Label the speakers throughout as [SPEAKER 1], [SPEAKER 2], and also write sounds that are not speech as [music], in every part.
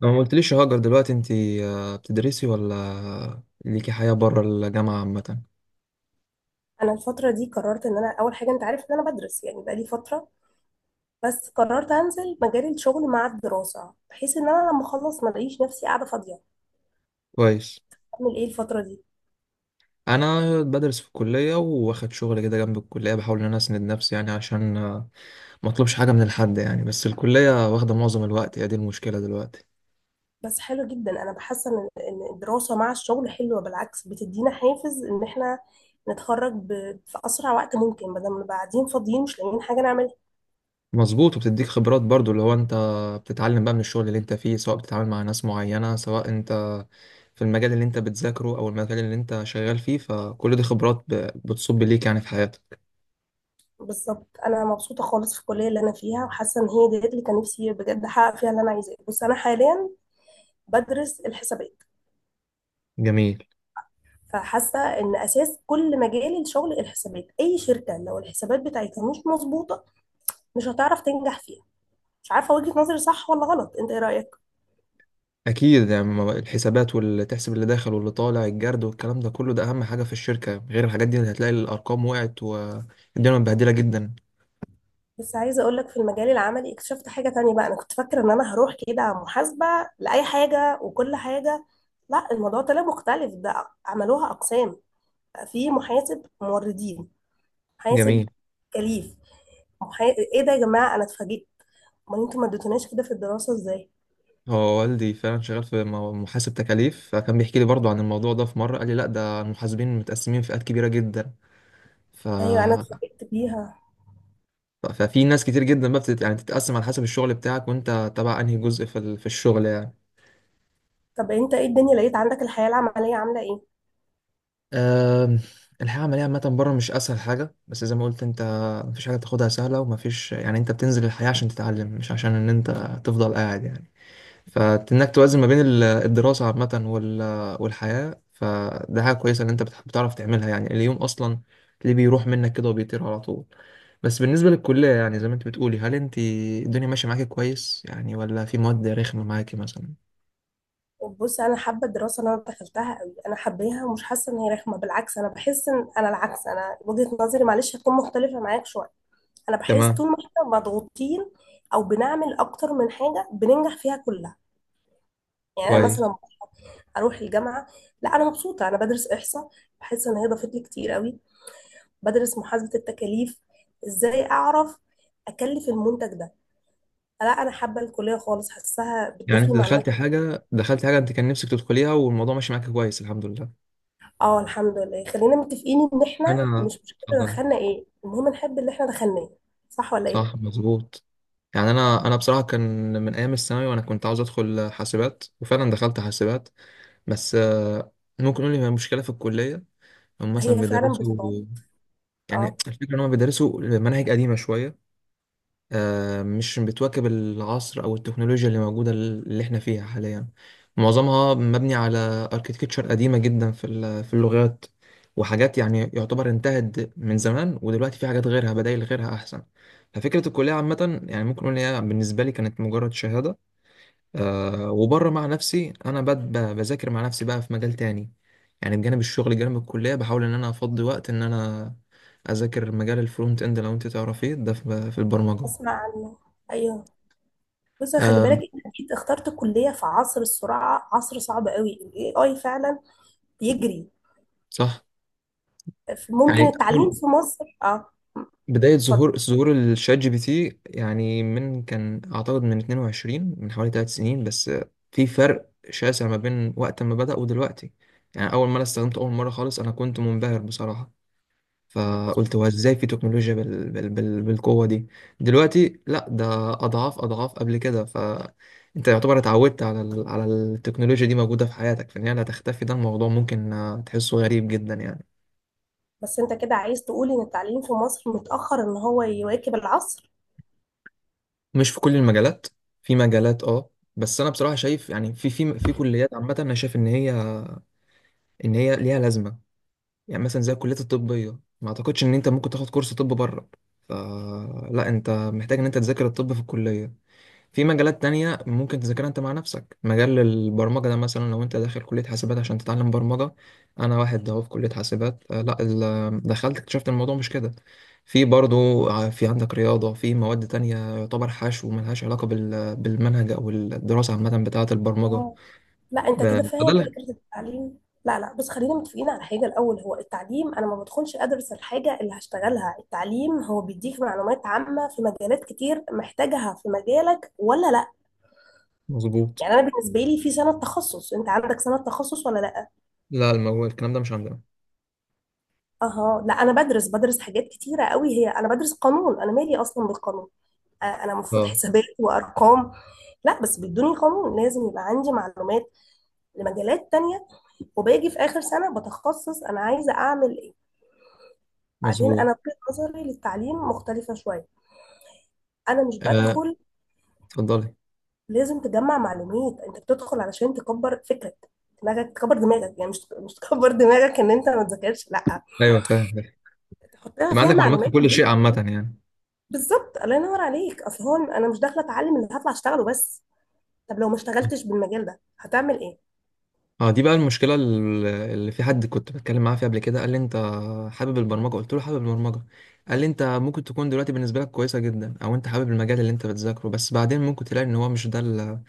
[SPEAKER 1] لو ما قلتليش يا هاجر، دلوقتي انت بتدرسي ولا ليكي حياة بره الجامعة عامة؟
[SPEAKER 2] انا الفتره دي قررت ان انا اول حاجه. انت عارف ان انا بدرس، يعني بقالي فتره، بس قررت انزل مجال الشغل مع الدراسه، بحيث ان انا لما اخلص ما الاقيش نفسي قاعده فاضيه
[SPEAKER 1] كويس.
[SPEAKER 2] اعمل ايه الفتره دي.
[SPEAKER 1] انا بدرس في الكلية، واخد شغل كده جنب الكلية. بحاول ان انا اسند نفسي يعني، عشان ما اطلبش حاجة من الحد يعني. بس الكلية واخدة معظم الوقت، هي دي المشكلة دلوقتي.
[SPEAKER 2] بس حلو جدا، انا بحس ان إن الدراسه مع الشغل حلوه، بالعكس بتدينا حافز ان احنا نتخرج في اسرع وقت ممكن، بدل ما نبقى قاعدين فاضيين مش لاقيين حاجه نعملها.
[SPEAKER 1] مظبوط، وبتديك خبرات برضو. اللي هو انت بتتعلم بقى من الشغل اللي انت فيه، سواء بتتعامل مع ناس معينة، سواء انت في المجال اللي انت بتذاكره او المجال اللي انت شغال فيه. فكل دي خبرات بتصب ليك يعني في حياتك.
[SPEAKER 2] بالظبط انا مبسوطه خالص في الكليه اللي انا فيها، وحاسه ان هي ديت اللي كان نفسي بجد احقق فيها اللي انا عايزاه، بس انا حاليا بدرس الحسابات.
[SPEAKER 1] جميل.
[SPEAKER 2] فحاسه ان اساس كل مجال الشغل الحسابات، اي شركه لو الحسابات بتاعتها مش مظبوطه مش هتعرف تنجح فيها. مش عارفه وجهه نظري صح ولا غلط، انت ايه رايك؟
[SPEAKER 1] اكيد يعني الحسابات واللي تحسب اللي داخل واللي طالع، الجرد والكلام ده كله، ده اهم حاجه في الشركه. غير الحاجات دي هتلاقي الارقام وقعت والدنيا متبهدله جدا.
[SPEAKER 2] بس عايزه اقول لك، في المجال العملي اكتشفت حاجه تانية بقى. انا كنت فاكره ان انا هروح كده محاسبه لاي حاجه وكل حاجه. لا، الموضوع طلع مختلف، ده عملوها اقسام، بقى في محاسب موردين، محاسب
[SPEAKER 1] جميل.
[SPEAKER 2] تكاليف، محا... ايه ده يا جماعه؟ انا اتفاجئت. امال انتوا ما اديتوناش كده في الدراسه ازاي؟
[SPEAKER 1] هو والدي فعلا شغال في محاسب تكاليف، فكان بيحكي لي برضو عن الموضوع ده. في مره قال لي لا، ده المحاسبين متقسمين فئات كبيره جدا. ف...
[SPEAKER 2] ايوه انا اتفاجئت بيها.
[SPEAKER 1] ففي ناس كتير جدا بقى يعني تتقسم على حسب الشغل بتاعك، وانت تبع انهي جزء في الشغل يعني.
[SPEAKER 2] طب انت ايه الدنيا، لقيت عندك الحياة العملية عاملة ايه؟
[SPEAKER 1] أم، الحياة العملية عامة بره مش أسهل حاجة، بس زي ما قلت أنت، مفيش حاجة تاخدها سهلة. ومفيش يعني، أنت بتنزل الحياة عشان تتعلم، مش عشان إن أنت تفضل قاعد يعني. فإنك توازن ما بين الدراسة عامة والحياة، فده حاجة كويسة إن أنت بتعرف تعملها. يعني اليوم أصلا ليه بيروح منك كده وبيطير على طول؟ بس بالنسبة للكلية يعني، زي ما أنت بتقولي، هل أنت الدنيا ماشية معاكي كويس يعني، ولا في مواد رخمة معاكي مثلا؟
[SPEAKER 2] بص انا حابة الدراسة اللي انا دخلتها قوي، انا حباها ومش حاسة ان هي رخمة، بالعكس انا بحس ان انا العكس. انا وجهة نظري معلش هتكون مختلفة معاك شوية. انا بحس
[SPEAKER 1] تمام.
[SPEAKER 2] طول ما احنا مضغوطين او بنعمل اكتر من حاجة بننجح فيها كلها. يعني انا
[SPEAKER 1] كويس.
[SPEAKER 2] مثلا اروح الجامعة. لا، انا مبسوطة، انا بدرس احصاء، بحس ان هي ضافت لي كتير قوي. بدرس محاسبة التكاليف، ازاي اعرف اكلف المنتج ده. لا انا حابة الكلية خالص، حاساها
[SPEAKER 1] يعني
[SPEAKER 2] بتضيف
[SPEAKER 1] انت
[SPEAKER 2] لي معلومات.
[SPEAKER 1] دخلت حاجة انت كان نفسك تدخليها، والموضوع ماشي معاك كويس الحمد لله.
[SPEAKER 2] اه الحمد لله، خلينا متفقين ان احنا
[SPEAKER 1] انا.
[SPEAKER 2] مش مشكله
[SPEAKER 1] اتفضل.
[SPEAKER 2] دخلنا ايه، المهم نحب اللي احنا دخلناه، صح ولا ايه؟
[SPEAKER 1] صح، مظبوط. يعني انا بصراحة كان من ايام الثانوي، وانا كنت عاوز ادخل حاسبات وفعلا دخلت حاسبات. بس ممكن نقول لي المشكلة في الكلية، هم مثلا
[SPEAKER 2] هي فعلا
[SPEAKER 1] بيدرسوا.
[SPEAKER 2] بتضاد.
[SPEAKER 1] يعني
[SPEAKER 2] اه.
[SPEAKER 1] الفكرة ان هم بيدرسوا مناهج قديمة شوية. مش بتواكب العصر او التكنولوجيا اللي موجوده، اللي احنا فيها حاليا. معظمها مبني على اركيتكتشر قديمه جدا في اللغات. وحاجات يعني يعتبر انتهت من زمان، ودلوقتي في حاجات غيرها، بدائل غيرها احسن. ففكره الكليه عامه، يعني ممكن اقول إن هي بالنسبه لي كانت مجرد شهاده. وبره مع نفسي انا بذاكر مع نفسي بقى في مجال تاني. يعني بجانب الشغل، جانب الكليه، بحاول ان انا افضي وقت ان انا اذاكر مجال الفرونت اند، لو انت تعرفيه ده في البرمجه.
[SPEAKER 2] اسمع عنه، ايوه. بص خلي بالك،
[SPEAKER 1] آم،
[SPEAKER 2] انت اكيد اخترت كليه في عصر السرعه، عصر صعب قوي، الاي اي فعلا بيجري.
[SPEAKER 1] صح.
[SPEAKER 2] ممكن
[SPEAKER 1] يعني اول
[SPEAKER 2] التعليم في مصر اه.
[SPEAKER 1] بدايه
[SPEAKER 2] اتفضل.
[SPEAKER 1] ظهور الشات جي بي تي، يعني من كان اعتقد من 22، من حوالي 3 سنين. بس في فرق شاسع ما بين وقت ما بدأ ودلوقتي. يعني اول ما انا استخدمته اول مره خالص، انا كنت منبهر بصراحه.
[SPEAKER 2] مظبوط.
[SPEAKER 1] فقلت هو ازاي في تكنولوجيا بالقوه دي؟ دلوقتي لا، ده اضعاف اضعاف قبل كده. فانت يعتبر اتعودت على التكنولوجيا دي موجوده في حياتك، فان هي لا تختفي. ده الموضوع ممكن تحسه غريب جدا يعني.
[SPEAKER 2] بس انت كده عايز تقول ان التعليم في مصر متاخر ان هو يواكب العصر.
[SPEAKER 1] مش في كل المجالات، في مجالات، اه. بس انا بصراحه شايف يعني في كليات عامه، انا شايف ان هي ليها لازمه. يعني مثلا زي الكليات الطبيه، ما اعتقدش ان انت ممكن تاخد كورس طب بره. فلا، انت محتاج ان انت تذاكر الطب في الكليه. في مجالات تانية ممكن تذاكرها انت مع نفسك. مجال البرمجة ده مثلا، لو انت داخل كلية حاسبات عشان تتعلم برمجة، انا واحد اهو في كلية حاسبات. لا، دخلت اكتشفت الموضوع مش كده. في برضو في عندك رياضة، في مواد تانية يعتبر حشو وملهاش علاقة بالمنهج او الدراسة عامة بتاعة البرمجة.
[SPEAKER 2] لا، انت كده
[SPEAKER 1] ب- فده
[SPEAKER 2] فاهم
[SPEAKER 1] اللي-
[SPEAKER 2] فكره التعليم. لا، بص خلينا متفقين على حاجه الاول. هو التعليم، انا ما بدخلش ادرس الحاجه اللي هشتغلها، التعليم هو بيديك معلومات عامه في مجالات كتير، محتاجها في مجالك ولا لا؟
[SPEAKER 1] مظبوط.
[SPEAKER 2] يعني انا بالنسبه لي في سنه تخصص، انت عندك سنه تخصص ولا لا؟
[SPEAKER 1] لا، الكلام ده مش عندنا.
[SPEAKER 2] اها، لا انا بدرس حاجات كتيره قوي. هي انا بدرس قانون، انا مالي اصلا بالقانون؟ انا المفروض
[SPEAKER 1] اه.
[SPEAKER 2] حسابات وارقام. لا بس بيدوني قانون لازم يبقى عندي معلومات لمجالات تانية. وباجي في آخر سنة بتخصص أنا عايزة أعمل. بعدين
[SPEAKER 1] مظبوط،
[SPEAKER 2] انا وجهة نظري للتعليم مختلفه شويه. انا مش
[SPEAKER 1] آه،
[SPEAKER 2] بدخل.
[SPEAKER 1] اتفضلي.
[SPEAKER 2] لازم تجمع معلومات، انت بتدخل علشان تكبر فكرك، دماغك، تكبر دماغك. يعني مش تكبر دماغك ان انت ما تذاكرش، لا،
[SPEAKER 1] ايوه فاهم.
[SPEAKER 2] تحط لها
[SPEAKER 1] يبقى
[SPEAKER 2] فيها
[SPEAKER 1] عندك معلومات في
[SPEAKER 2] معلومات
[SPEAKER 1] كل شيء
[SPEAKER 2] مهمه.
[SPEAKER 1] عامة يعني.
[SPEAKER 2] بالظبط، الله ينور عليك. اصل هو انا مش داخله اتعلم اللي هطلع اشتغله بس. طب لو ما اشتغلتش بالمجال ده هتعمل ايه؟
[SPEAKER 1] اه، دي بقى المشكلة اللي، في حد كنت بتكلم معاه فيها قبل كده، قال لي انت حابب البرمجة، قلت له حابب البرمجة. قال لي انت ممكن تكون دلوقتي بالنسبة لك كويسة جدا او انت حابب المجال اللي انت بتذاكره، بس بعدين ممكن تلاقي ان هو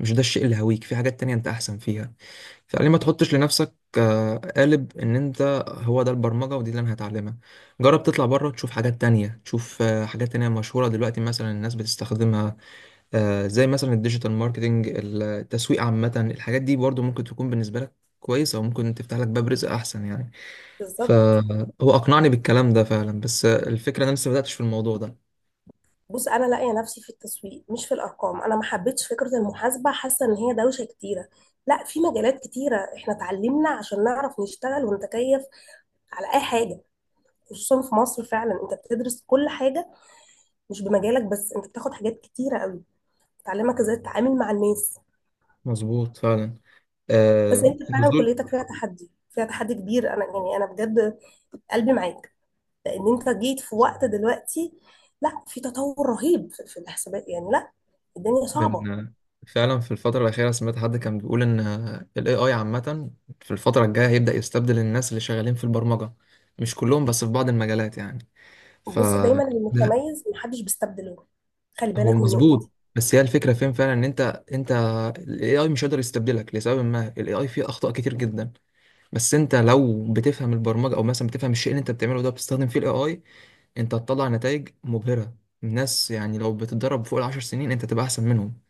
[SPEAKER 1] مش ده الشيء اللي هويك، في حاجات تانية انت احسن فيها. فقال لي ما تحطش لنفسك قالب ان انت هو ده البرمجة ودي اللي انا هتعلمها. جرب تطلع بره تشوف حاجات تانية، تشوف حاجات تانية مشهورة دلوقتي مثلا الناس بتستخدمها. زي مثلا الديجيتال ماركتينج، التسويق عامة، الحاجات دي برضو ممكن تكون بالنسبة لك كويسة، وممكن تفتح لك باب رزق أحسن يعني.
[SPEAKER 2] بالظبط.
[SPEAKER 1] فهو أقنعني بالكلام ده فعلا، بس الفكرة أنا لسه ما بدأتش في الموضوع ده.
[SPEAKER 2] بص انا لاقيه نفسي في التسويق مش في الارقام، انا ما حبيتش فكره المحاسبه، حاسه ان هي دوشه كتيره. لا، في مجالات كتيرة احنا اتعلمنا عشان نعرف نشتغل ونتكيف على اي حاجه. خصوصا في مصر فعلا انت بتدرس كل حاجه، مش بمجالك بس، انت بتاخد حاجات كتيره قوي بتعلمك ازاي تتعامل مع الناس.
[SPEAKER 1] مظبوط فعلا. آه،
[SPEAKER 2] بس انت فعلا
[SPEAKER 1] نزول
[SPEAKER 2] كليتك فيها تحدي، فيها تحدي كبير. انا يعني انا بجد قلبي معاك، لان انت جيت في وقت دلوقتي. لا، في تطور رهيب في الحسابات. يعني لا، الدنيا صعبه.
[SPEAKER 1] من فعلا في الفترة الأخيرة سمعت حد كان بيقول إن ال AI عامة في الفترة الجاية هيبدأ يستبدل الناس اللي شغالين في البرمجة. مش كلهم، بس في بعض المجالات يعني. ف
[SPEAKER 2] بص دايما اللي متميز محدش بيستبدله، خلي
[SPEAKER 1] هو
[SPEAKER 2] بالك من النقطه
[SPEAKER 1] مظبوط،
[SPEAKER 2] دي.
[SPEAKER 1] بس هي الفكره فين فعلا، ان انت الاي اي مش قادر يستبدلك. لسبب ما الاي اي فيه اخطاء كتير جدا. بس انت لو بتفهم البرمجه، او مثلا بتفهم الشيء اللي انت بتعمله ده بتستخدم فيه الاي اي، انت هتطلع نتائج مبهره. الناس، يعني لو بتتدرب فوق ال10 سنين، انت تبقى احسن منهم.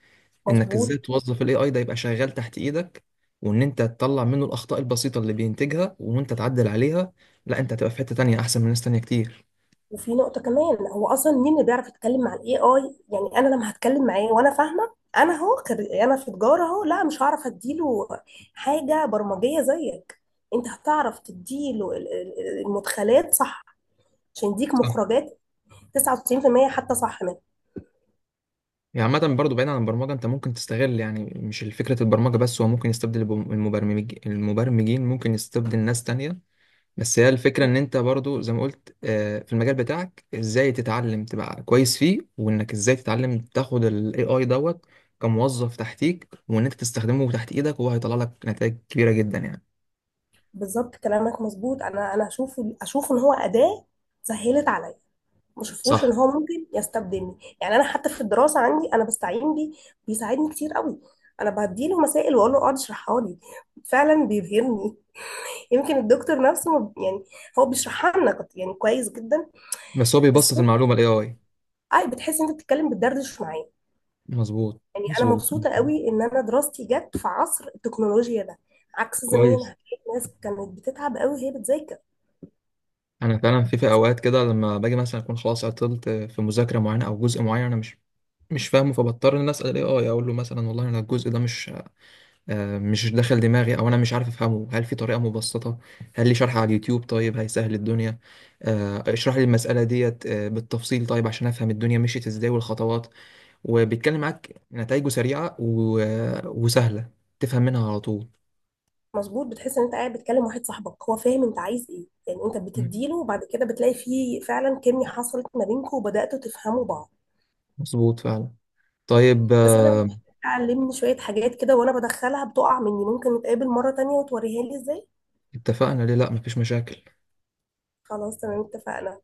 [SPEAKER 1] انك ازاي
[SPEAKER 2] مظبوط.
[SPEAKER 1] توظف الاي اي، ده يبقى شغال تحت ايدك، وان انت تطلع منه الاخطاء البسيطه اللي بينتجها، وانت تعدل عليها. لا، انت هتبقى في حته تانية احسن من ناس تانية كتير.
[SPEAKER 2] وفي نقطة كمان، هو أصلا مين اللي بيعرف يتكلم مع الاي اي؟ يعني أنا لما هتكلم معاه وأنا فاهمة أنا، هو أنا في تجارة أهو، لا مش هعرف أديله حاجة برمجية زيك. أنت هتعرف تديله المدخلات صح عشان يديك مخرجات 99% حتى صح منها.
[SPEAKER 1] يعني عامة برضه بعيد عن البرمجة، انت ممكن تستغل يعني مش فكرة البرمجة بس، هو ممكن يستبدل المبرمجين، ممكن يستبدل ناس تانية. بس هي الفكرة ان انت برضه زي ما قلت، في المجال بتاعك ازاي تتعلم تبقى كويس فيه، وانك ازاي تتعلم تاخد ال AI دوت كموظف تحتيك، وان انت تستخدمه تحت ايدك وهو هيطلع لك نتائج كبيرة جدا يعني.
[SPEAKER 2] بالظبط كلامك مظبوط. أنا أشوفه، أشوف إن هو أداة سهلت عليا، ما شافوش ان
[SPEAKER 1] صح.
[SPEAKER 2] هو ممكن يستبدلني. يعني انا حتى في الدراسه عندي انا بستعين بيه، بيساعدني كتير قوي. انا بديله مسائل واقول له اقعد اشرحها لي، فعلا بيبهرني. [laughs] يمكن الدكتور نفسه ما يعني هو بيشرحها لنا يعني كويس جدا.
[SPEAKER 1] بس هو بيبسط
[SPEAKER 2] بس هو
[SPEAKER 1] المعلومة ال AI.
[SPEAKER 2] اي، بتحس ان انت بتتكلم بتدردش معاه.
[SPEAKER 1] مظبوط،
[SPEAKER 2] يعني انا
[SPEAKER 1] مظبوط.
[SPEAKER 2] مبسوطه قوي ان انا دراستي جت في عصر التكنولوجيا ده، عكس زمان
[SPEAKER 1] كويس.
[SPEAKER 2] هتلاقي الناس كانت بتتعب قوي وهي بتذاكر.
[SPEAKER 1] انا فعلا في اوقات كده، لما باجي مثلا اكون خلاص عطلت في مذاكره معينه او جزء معين انا مش فاهمه، فبضطر ان أنا اسال الاي اي. اقول له مثلا والله انا الجزء ده مش داخل دماغي، او انا مش عارف افهمه. هل في طريقه مبسطه؟ هل لي شرح على اليوتيوب؟ طيب هيسهل الدنيا. اشرح لي المساله ديت بالتفصيل، طيب عشان افهم الدنيا مشيت ازاي والخطوات. وبيتكلم معاك، نتائجه سريعه وسهله. تفهم منها على طول.
[SPEAKER 2] مظبوط، بتحس ان انت قاعد بتكلم واحد صاحبك هو فاهم انت عايز ايه. يعني انت
[SPEAKER 1] مم.
[SPEAKER 2] بتديله وبعد كده بتلاقي فيه فعلا كيميا حصلت ما بينكم وبداتوا تفهموا بعض.
[SPEAKER 1] مظبوط فعلا. طيب.
[SPEAKER 2] بس انا محتاجة، علمني شويه حاجات كده، وانا بدخلها بتقع مني، ممكن نتقابل مره تانية وتوريها لي ازاي؟
[SPEAKER 1] اتفقنا؟ ليه لا، مفيش مشاكل.
[SPEAKER 2] خلاص تمام اتفقنا.